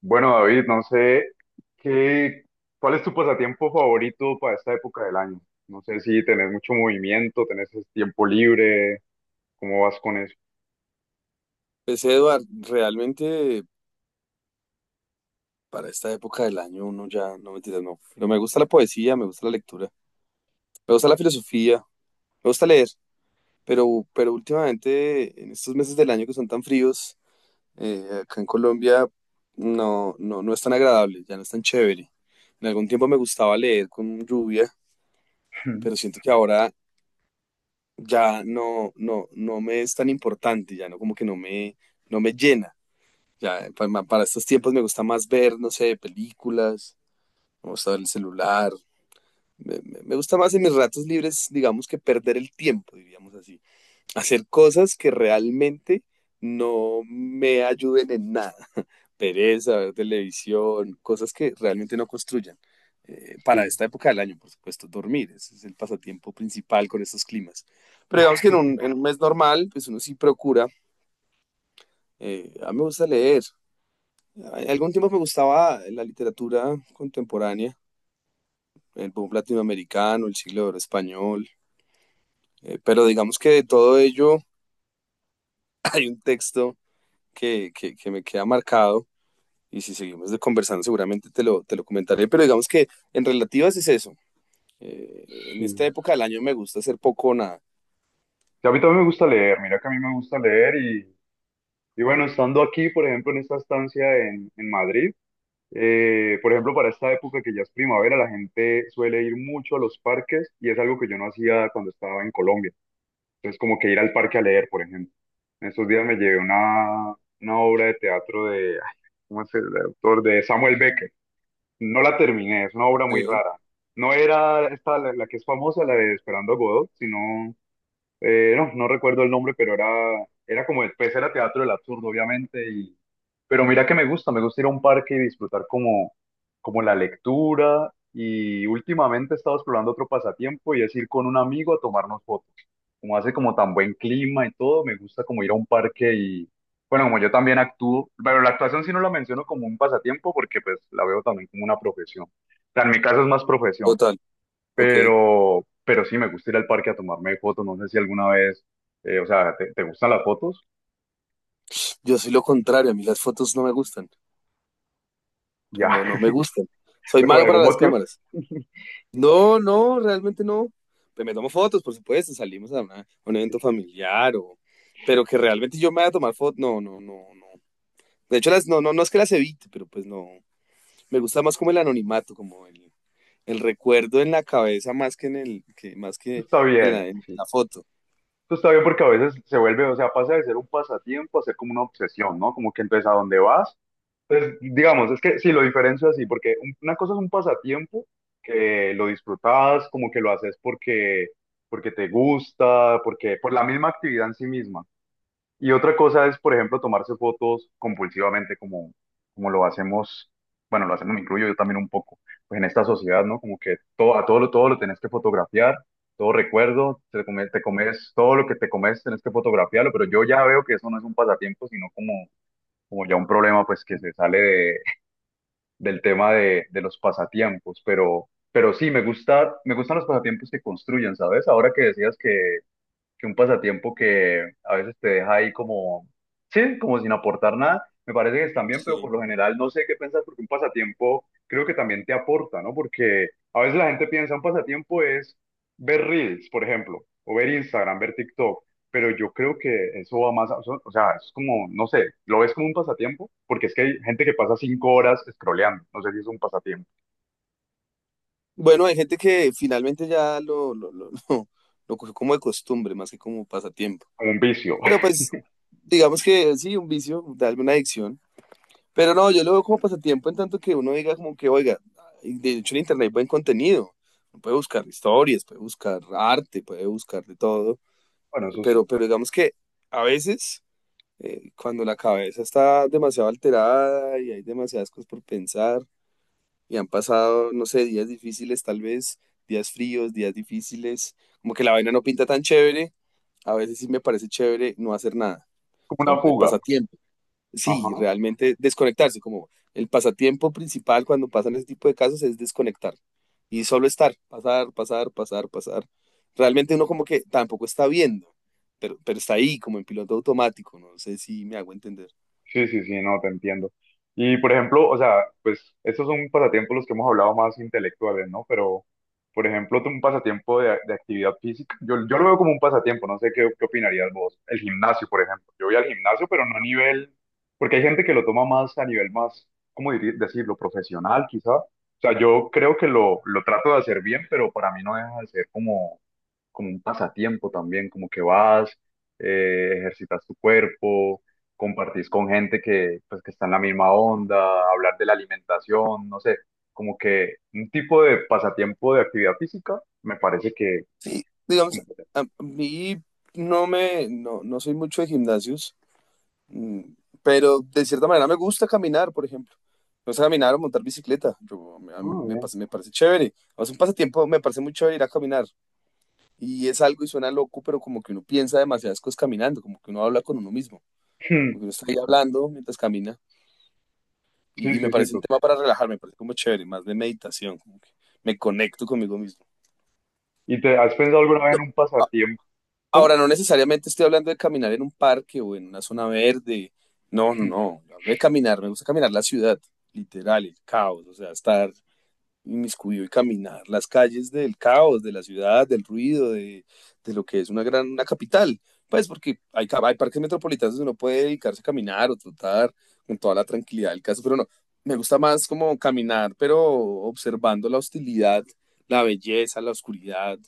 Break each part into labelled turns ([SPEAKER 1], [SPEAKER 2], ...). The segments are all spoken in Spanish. [SPEAKER 1] Bueno, David, no sé qué, ¿cuál es tu pasatiempo favorito para esta época del año? No sé si tenés mucho movimiento, tenés tiempo libre, ¿cómo vas con eso?
[SPEAKER 2] Pues Eduard, realmente para esta época del año uno ya, no mentiras, no. Pero me gusta la poesía, me gusta la lectura, me gusta la filosofía, me gusta leer, pero últimamente en estos meses del año que son tan fríos, acá en Colombia no, no, no es tan agradable, ya no es tan chévere. En algún tiempo me gustaba leer con lluvia, pero siento que ahora ya no, no, no me es tan importante, ya no como que no me, no me llena. Ya, para estos tiempos me gusta más ver, no sé, películas, me gusta ver el celular. Me gusta más en mis ratos libres, digamos, que perder el tiempo, diríamos así. Hacer cosas que realmente no me ayuden en nada. Pereza, ver televisión, cosas que realmente no construyan. Para
[SPEAKER 1] Sí,
[SPEAKER 2] esta época del año, por supuesto, dormir. Ese es el pasatiempo principal con estos climas. Pero digamos que en en un mes normal, pues uno sí procura. A mí me gusta leer. En algún tiempo me gustaba la literatura contemporánea, el boom latinoamericano, el siglo de oro español, pero digamos que de todo ello hay un texto que me queda marcado, y si seguimos de conversando seguramente te te lo comentaré, pero digamos que en relativas es eso. En esta
[SPEAKER 1] sí.
[SPEAKER 2] época del año me gusta hacer poco o nada.
[SPEAKER 1] Sí, a mí también me gusta leer, mira que a mí me gusta leer, y bueno, estando aquí, por ejemplo, en esta estancia en Madrid, por ejemplo, para esta época que ya es primavera, la gente suele ir mucho a los parques y es algo que yo no hacía cuando estaba en Colombia. Entonces, como que ir al parque a leer, por ejemplo. En estos días me llevé una obra de teatro de, ay, ¿cómo es el autor? De Samuel Beckett. No la terminé, es una obra muy
[SPEAKER 2] Sí,
[SPEAKER 1] rara. No era esta la que es famosa, la de Esperando a Godot, sino no, no recuerdo el nombre, era como, pues era teatro del absurdo, obviamente, pero mira que me gusta ir a un parque y disfrutar como la lectura, y últimamente he estado explorando otro pasatiempo y es ir con un amigo a tomarnos fotos. Como hace como tan buen clima y todo, me gusta como ir a un parque bueno, como yo también actúo, pero la actuación sí no la menciono como un pasatiempo porque pues la veo también como una profesión. O sea, en mi caso es más profesión,
[SPEAKER 2] total, ok.
[SPEAKER 1] pero sí, me gusta ir al parque a tomarme fotos. No sé si alguna vez, o sea, ¿te, te gustan las fotos?
[SPEAKER 2] Yo soy lo contrario, a mí las fotos no me gustan, o sea,
[SPEAKER 1] Ya,
[SPEAKER 2] no, no me gustan. Soy
[SPEAKER 1] pero por
[SPEAKER 2] malo para
[SPEAKER 1] algún
[SPEAKER 2] las
[SPEAKER 1] motivo,
[SPEAKER 2] cámaras. No, no, realmente no. Pues me tomo fotos, por supuesto, salimos a, una- a un evento
[SPEAKER 1] esto
[SPEAKER 2] familiar, o... pero que realmente yo me vaya a tomar fotos, no, no, no, no. De hecho, las, no, no, no es que las evite, pero pues no. Me gusta más como el anonimato, como el recuerdo en la cabeza más que en el, que, más que
[SPEAKER 1] está
[SPEAKER 2] en
[SPEAKER 1] bien,
[SPEAKER 2] en
[SPEAKER 1] sí.
[SPEAKER 2] la foto.
[SPEAKER 1] Esto está bien porque a veces se vuelve, o sea, pasa de ser un pasatiempo a ser como una obsesión, ¿no? Como que entonces a dónde vas. Entonces, digamos, es que sí, lo diferencio así, porque una cosa es un pasatiempo que lo disfrutas, como que lo haces porque, porque te gusta, porque por la misma actividad en sí misma. Y otra cosa es, por ejemplo, tomarse fotos compulsivamente como, como lo hacemos, bueno, lo hacemos, me incluyo yo también un poco, pues en esta sociedad, ¿no? Como que todo, a todo, todo lo tenés que fotografiar, todo recuerdo, te comes, todo lo que te comes tenés que fotografiarlo, pero yo ya veo que eso no es un pasatiempo, sino como, como ya un problema, pues que se sale del tema de los pasatiempos, pero sí, me gusta, me gustan los pasatiempos que construyen, ¿sabes? Ahora que decías que un pasatiempo que a veces te deja ahí como, sí, como sin aportar nada, me parece que están bien, pero
[SPEAKER 2] Sí.
[SPEAKER 1] por lo general no sé qué piensas porque un pasatiempo creo que también te aporta, ¿no? Porque a veces la gente piensa un pasatiempo es ver Reels, por ejemplo, o ver Instagram, ver TikTok, pero yo creo que eso va más, o sea, es como, no sé, lo ves como un pasatiempo, porque es que hay gente que pasa cinco horas scrolleando, no sé si es un pasatiempo,
[SPEAKER 2] Bueno, hay gente que finalmente ya lo cogió como de costumbre, más que como pasatiempo.
[SPEAKER 1] como un vicio,
[SPEAKER 2] Pero pues, digamos que sí, un vicio, darme una adicción. Pero no, yo lo veo como pasatiempo en tanto que uno diga como que, oiga, y de hecho en internet hay buen contenido. Uno puede buscar historias, puede buscar arte, puede buscar de todo.
[SPEAKER 1] bueno, eso sí,
[SPEAKER 2] Pero digamos que a veces, cuando la cabeza está demasiado alterada y hay demasiadas cosas por pensar y han pasado, no sé, días difíciles tal vez, días fríos, días difíciles, como que la vaina no pinta tan chévere, a veces sí me parece chévere no hacer nada. O
[SPEAKER 1] como
[SPEAKER 2] sea,
[SPEAKER 1] una
[SPEAKER 2] de
[SPEAKER 1] fuga,
[SPEAKER 2] pasatiempo sí,
[SPEAKER 1] ajá.
[SPEAKER 2] realmente desconectarse, como el pasatiempo principal cuando pasan ese tipo de casos es desconectar y solo estar, pasar, pasar, pasar, pasar. Realmente uno como que tampoco está viendo, pero está ahí como en piloto automático, no sé si me hago entender.
[SPEAKER 1] Sí, sí, sí, no, te entiendo. Y por ejemplo, o sea, pues estos son pasatiempos los que hemos hablado más intelectuales, ¿no? Pero, por ejemplo, tú un pasatiempo de actividad física, yo lo veo como un pasatiempo, no sé qué, qué opinarías vos. El gimnasio, por ejemplo. Yo voy al gimnasio, pero no a nivel, porque hay gente que lo toma más a nivel más, ¿cómo decirlo? Profesional, quizá. O sea, yo creo que lo trato de hacer bien, pero para mí no deja de ser como un pasatiempo también, como que vas, ejercitas tu cuerpo, compartís con gente que, pues, que está en la misma onda, hablar de la alimentación, no sé, como que un tipo de pasatiempo de actividad física, me parece que...
[SPEAKER 2] Sí, digamos,
[SPEAKER 1] como que-
[SPEAKER 2] a mí no me, no, no soy mucho de gimnasios, mm, pero de cierta manera me gusta caminar, por ejemplo. Me gusta caminar o montar bicicleta, yo, a mí
[SPEAKER 1] Ah,
[SPEAKER 2] me,
[SPEAKER 1] bien.
[SPEAKER 2] pas- me parece chévere. O sea, un pasatiempo me parece muy chévere ir a caminar, y es algo y suena loco, pero como que uno piensa demasiadas cosas caminando, como que uno habla con uno mismo, como que uno está ahí hablando mientras camina,
[SPEAKER 1] Sí,
[SPEAKER 2] y me
[SPEAKER 1] sí, sí,
[SPEAKER 2] parece un
[SPEAKER 1] tú.
[SPEAKER 2] tema para relajarme, me parece como chévere, más de meditación, como que me conecto conmigo mismo.
[SPEAKER 1] ¿Y te has pensado alguna vez
[SPEAKER 2] No,
[SPEAKER 1] en un
[SPEAKER 2] a-
[SPEAKER 1] pasatiempo?
[SPEAKER 2] ahora,
[SPEAKER 1] ¿Cómo?
[SPEAKER 2] no necesariamente estoy hablando de caminar en un parque o en una zona verde, no, no, no, yo hablo de caminar, me gusta caminar la ciudad, literal, el caos, o sea, estar inmiscuido y caminar las calles del caos, de la ciudad, del ruido, de lo que es una gran una capital. Pues porque hay parques metropolitanos donde uno puede dedicarse a caminar o trotar con toda la tranquilidad del caso, pero no, me gusta más como caminar, pero observando la hostilidad, la belleza, la oscuridad,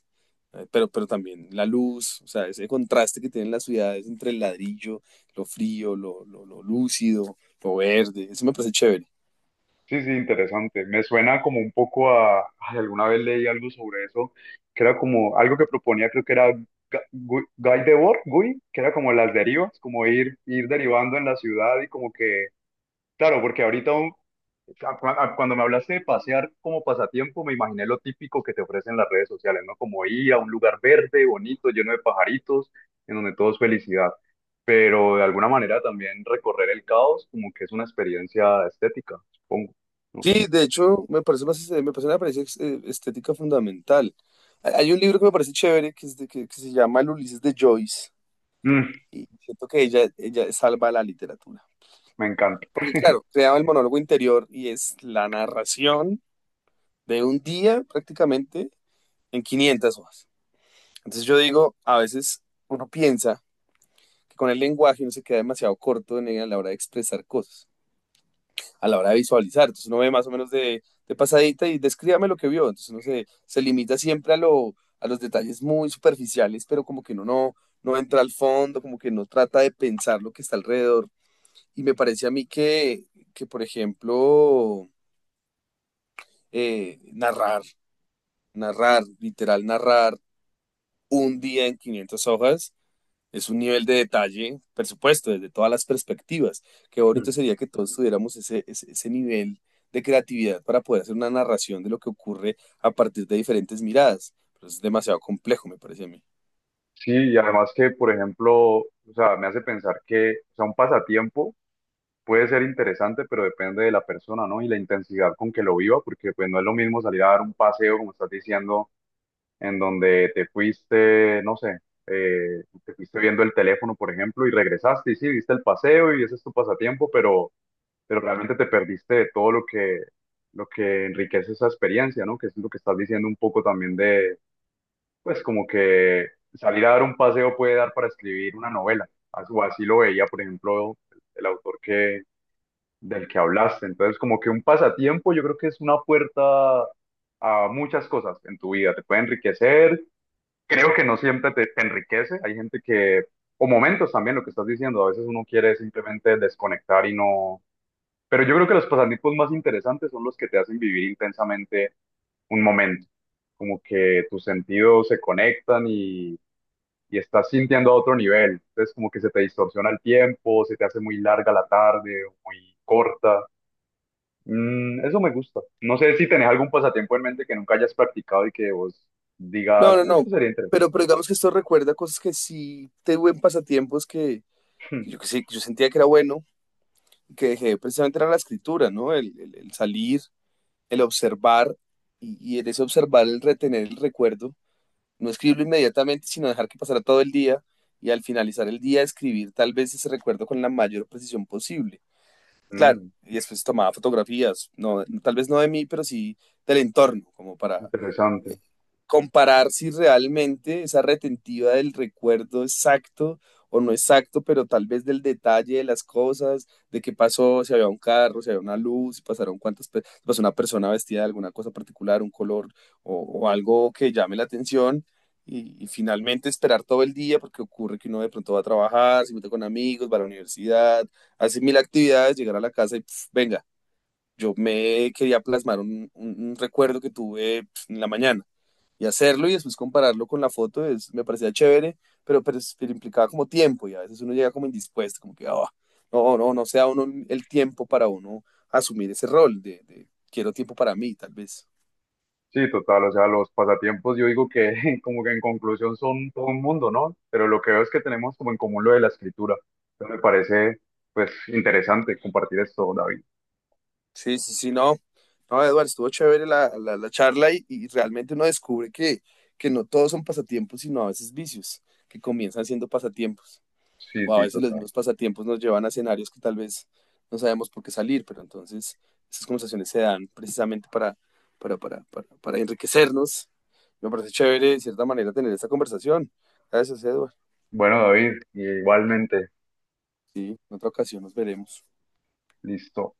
[SPEAKER 2] pero también la luz, o sea, ese contraste que tienen las ciudades entre el ladrillo, lo frío, lo lúcido, lo verde, eso me parece chévere.
[SPEAKER 1] Sí, sí, interesante. Me suena como un poco a, ay, alguna vez leí algo sobre eso, que era como algo que proponía, creo que era Guy Debord, Guy, que era como las derivas, como ir derivando en la ciudad y como que, claro, porque ahorita cuando me hablaste de pasear como pasatiempo, me imaginé lo típico que te ofrecen las redes sociales, ¿no? Como ir a un lugar verde, bonito, lleno de pajaritos, en donde todo es felicidad. Pero de alguna manera también recorrer el caos como que es una experiencia estética, supongo.
[SPEAKER 2] Sí, de hecho, me parece más, me parece una apariencia ex- estética fundamental. Hay un libro que me parece chévere que, es de- que se llama El Ulises de Joyce
[SPEAKER 1] Mm,
[SPEAKER 2] y siento que ella salva la literatura.
[SPEAKER 1] me encanta.
[SPEAKER 2] Porque claro, creaba el monólogo interior y es la narración de un día prácticamente en 500 hojas. Entonces yo digo, a veces uno piensa que con el lenguaje uno se queda demasiado corto en, a la hora de expresar cosas. A la hora de visualizar. Entonces uno ve más o menos de pasadita y descríbame lo que vio. Entonces uno se, se limita siempre a, lo, a los detalles muy superficiales, pero como que uno no, no entra al fondo, como que no trata de pensar lo que está alrededor. Y me parece a mí que por ejemplo, eh, narrar, literal, narrar un día en 500 hojas. Es un nivel de detalle, por supuesto, desde todas las perspectivas. Qué bonito
[SPEAKER 1] Mm.
[SPEAKER 2] sería que todos tuviéramos ese nivel de creatividad para poder hacer una narración de lo que ocurre a partir de diferentes miradas. Pero es demasiado complejo, me parece a mí.
[SPEAKER 1] Sí, y además que, por ejemplo, o sea, me hace pensar que, o sea, un pasatiempo puede ser interesante, pero depende de la persona, ¿no? Y la intensidad con que lo viva, porque pues no es lo mismo salir a dar un paseo, como estás diciendo, en donde te fuiste, no sé, te fuiste viendo el teléfono, por ejemplo, y regresaste y sí, viste el paseo y ese es tu pasatiempo, pero realmente te perdiste de todo lo que enriquece esa experiencia, ¿no? Que es lo que estás diciendo un poco también, pues como que salir a dar un paseo puede dar para escribir una novela. Así lo veía, por ejemplo, el autor que, del que hablaste. Entonces, como que un pasatiempo yo creo que es una puerta a muchas cosas en tu vida. Te puede enriquecer. Creo que no siempre te enriquece. Hay gente que, o momentos también, lo que estás diciendo, a veces uno quiere simplemente desconectar y no... Pero yo creo que los pasatiempos más interesantes son los que te hacen vivir intensamente un momento, como que tus sentidos se conectan y estás sintiendo a otro nivel. Entonces como que se te distorsiona el tiempo, se te hace muy larga la tarde o muy corta. Mm, eso me gusta. No sé si tenés algún pasatiempo en mente que nunca hayas practicado y que vos
[SPEAKER 2] No,
[SPEAKER 1] digas,
[SPEAKER 2] no, no.
[SPEAKER 1] esto sería interesante.
[SPEAKER 2] Pero digamos que esto recuerda cosas que sí tuve en pasatiempos que yo sentía que era bueno, que dejé precisamente era la escritura, ¿no? El salir, el observar y en ese observar, el retener el recuerdo. No escribirlo inmediatamente, sino dejar que pasara todo el día y al finalizar el día escribir tal vez ese recuerdo con la mayor precisión posible. Claro, y después tomaba fotografías, no, tal vez no de mí, pero sí del entorno, como para eh,
[SPEAKER 1] Interesante.
[SPEAKER 2] comparar si realmente esa retentiva del recuerdo exacto o no exacto, pero tal vez del detalle de las cosas, de qué pasó, si había un carro, si había una luz, si pasaron cuántas, pe- si pasó una persona vestida de alguna cosa particular, un color o, o algo que llame la atención. Y finalmente esperar todo el día, porque ocurre que uno de pronto va a trabajar, se mete con amigos, va a la universidad, hacer mil actividades, llegar a la casa y pf, venga, yo me quería plasmar un recuerdo que tuve pf, en la mañana, y hacerlo y después compararlo con la foto es, me parecía chévere, pero implicaba como tiempo y a veces uno llega como indispuesto, como que ah, no, no, no sea uno el tiempo para uno asumir ese rol de quiero tiempo para mí, tal vez.
[SPEAKER 1] Sí, total, o sea, los pasatiempos yo digo que como que en conclusión son todo un mundo, ¿no? Pero lo que veo es que tenemos como en común lo de la escritura. Entonces me parece pues interesante compartir esto, David.
[SPEAKER 2] Sí, sí, sí, no. No, Eduardo, estuvo chévere la charla y realmente uno descubre que no todos son pasatiempos, sino a veces vicios que comienzan siendo pasatiempos.
[SPEAKER 1] Sí,
[SPEAKER 2] O a
[SPEAKER 1] sí,
[SPEAKER 2] veces los
[SPEAKER 1] total.
[SPEAKER 2] mismos pasatiempos nos llevan a escenarios que tal vez no sabemos por qué salir, pero entonces esas conversaciones se dan precisamente para enriquecernos. Me parece chévere, de cierta manera, tener esta conversación. Gracias, Edward.
[SPEAKER 1] Bueno, David, igualmente,
[SPEAKER 2] Sí, en otra ocasión nos veremos.
[SPEAKER 1] listo.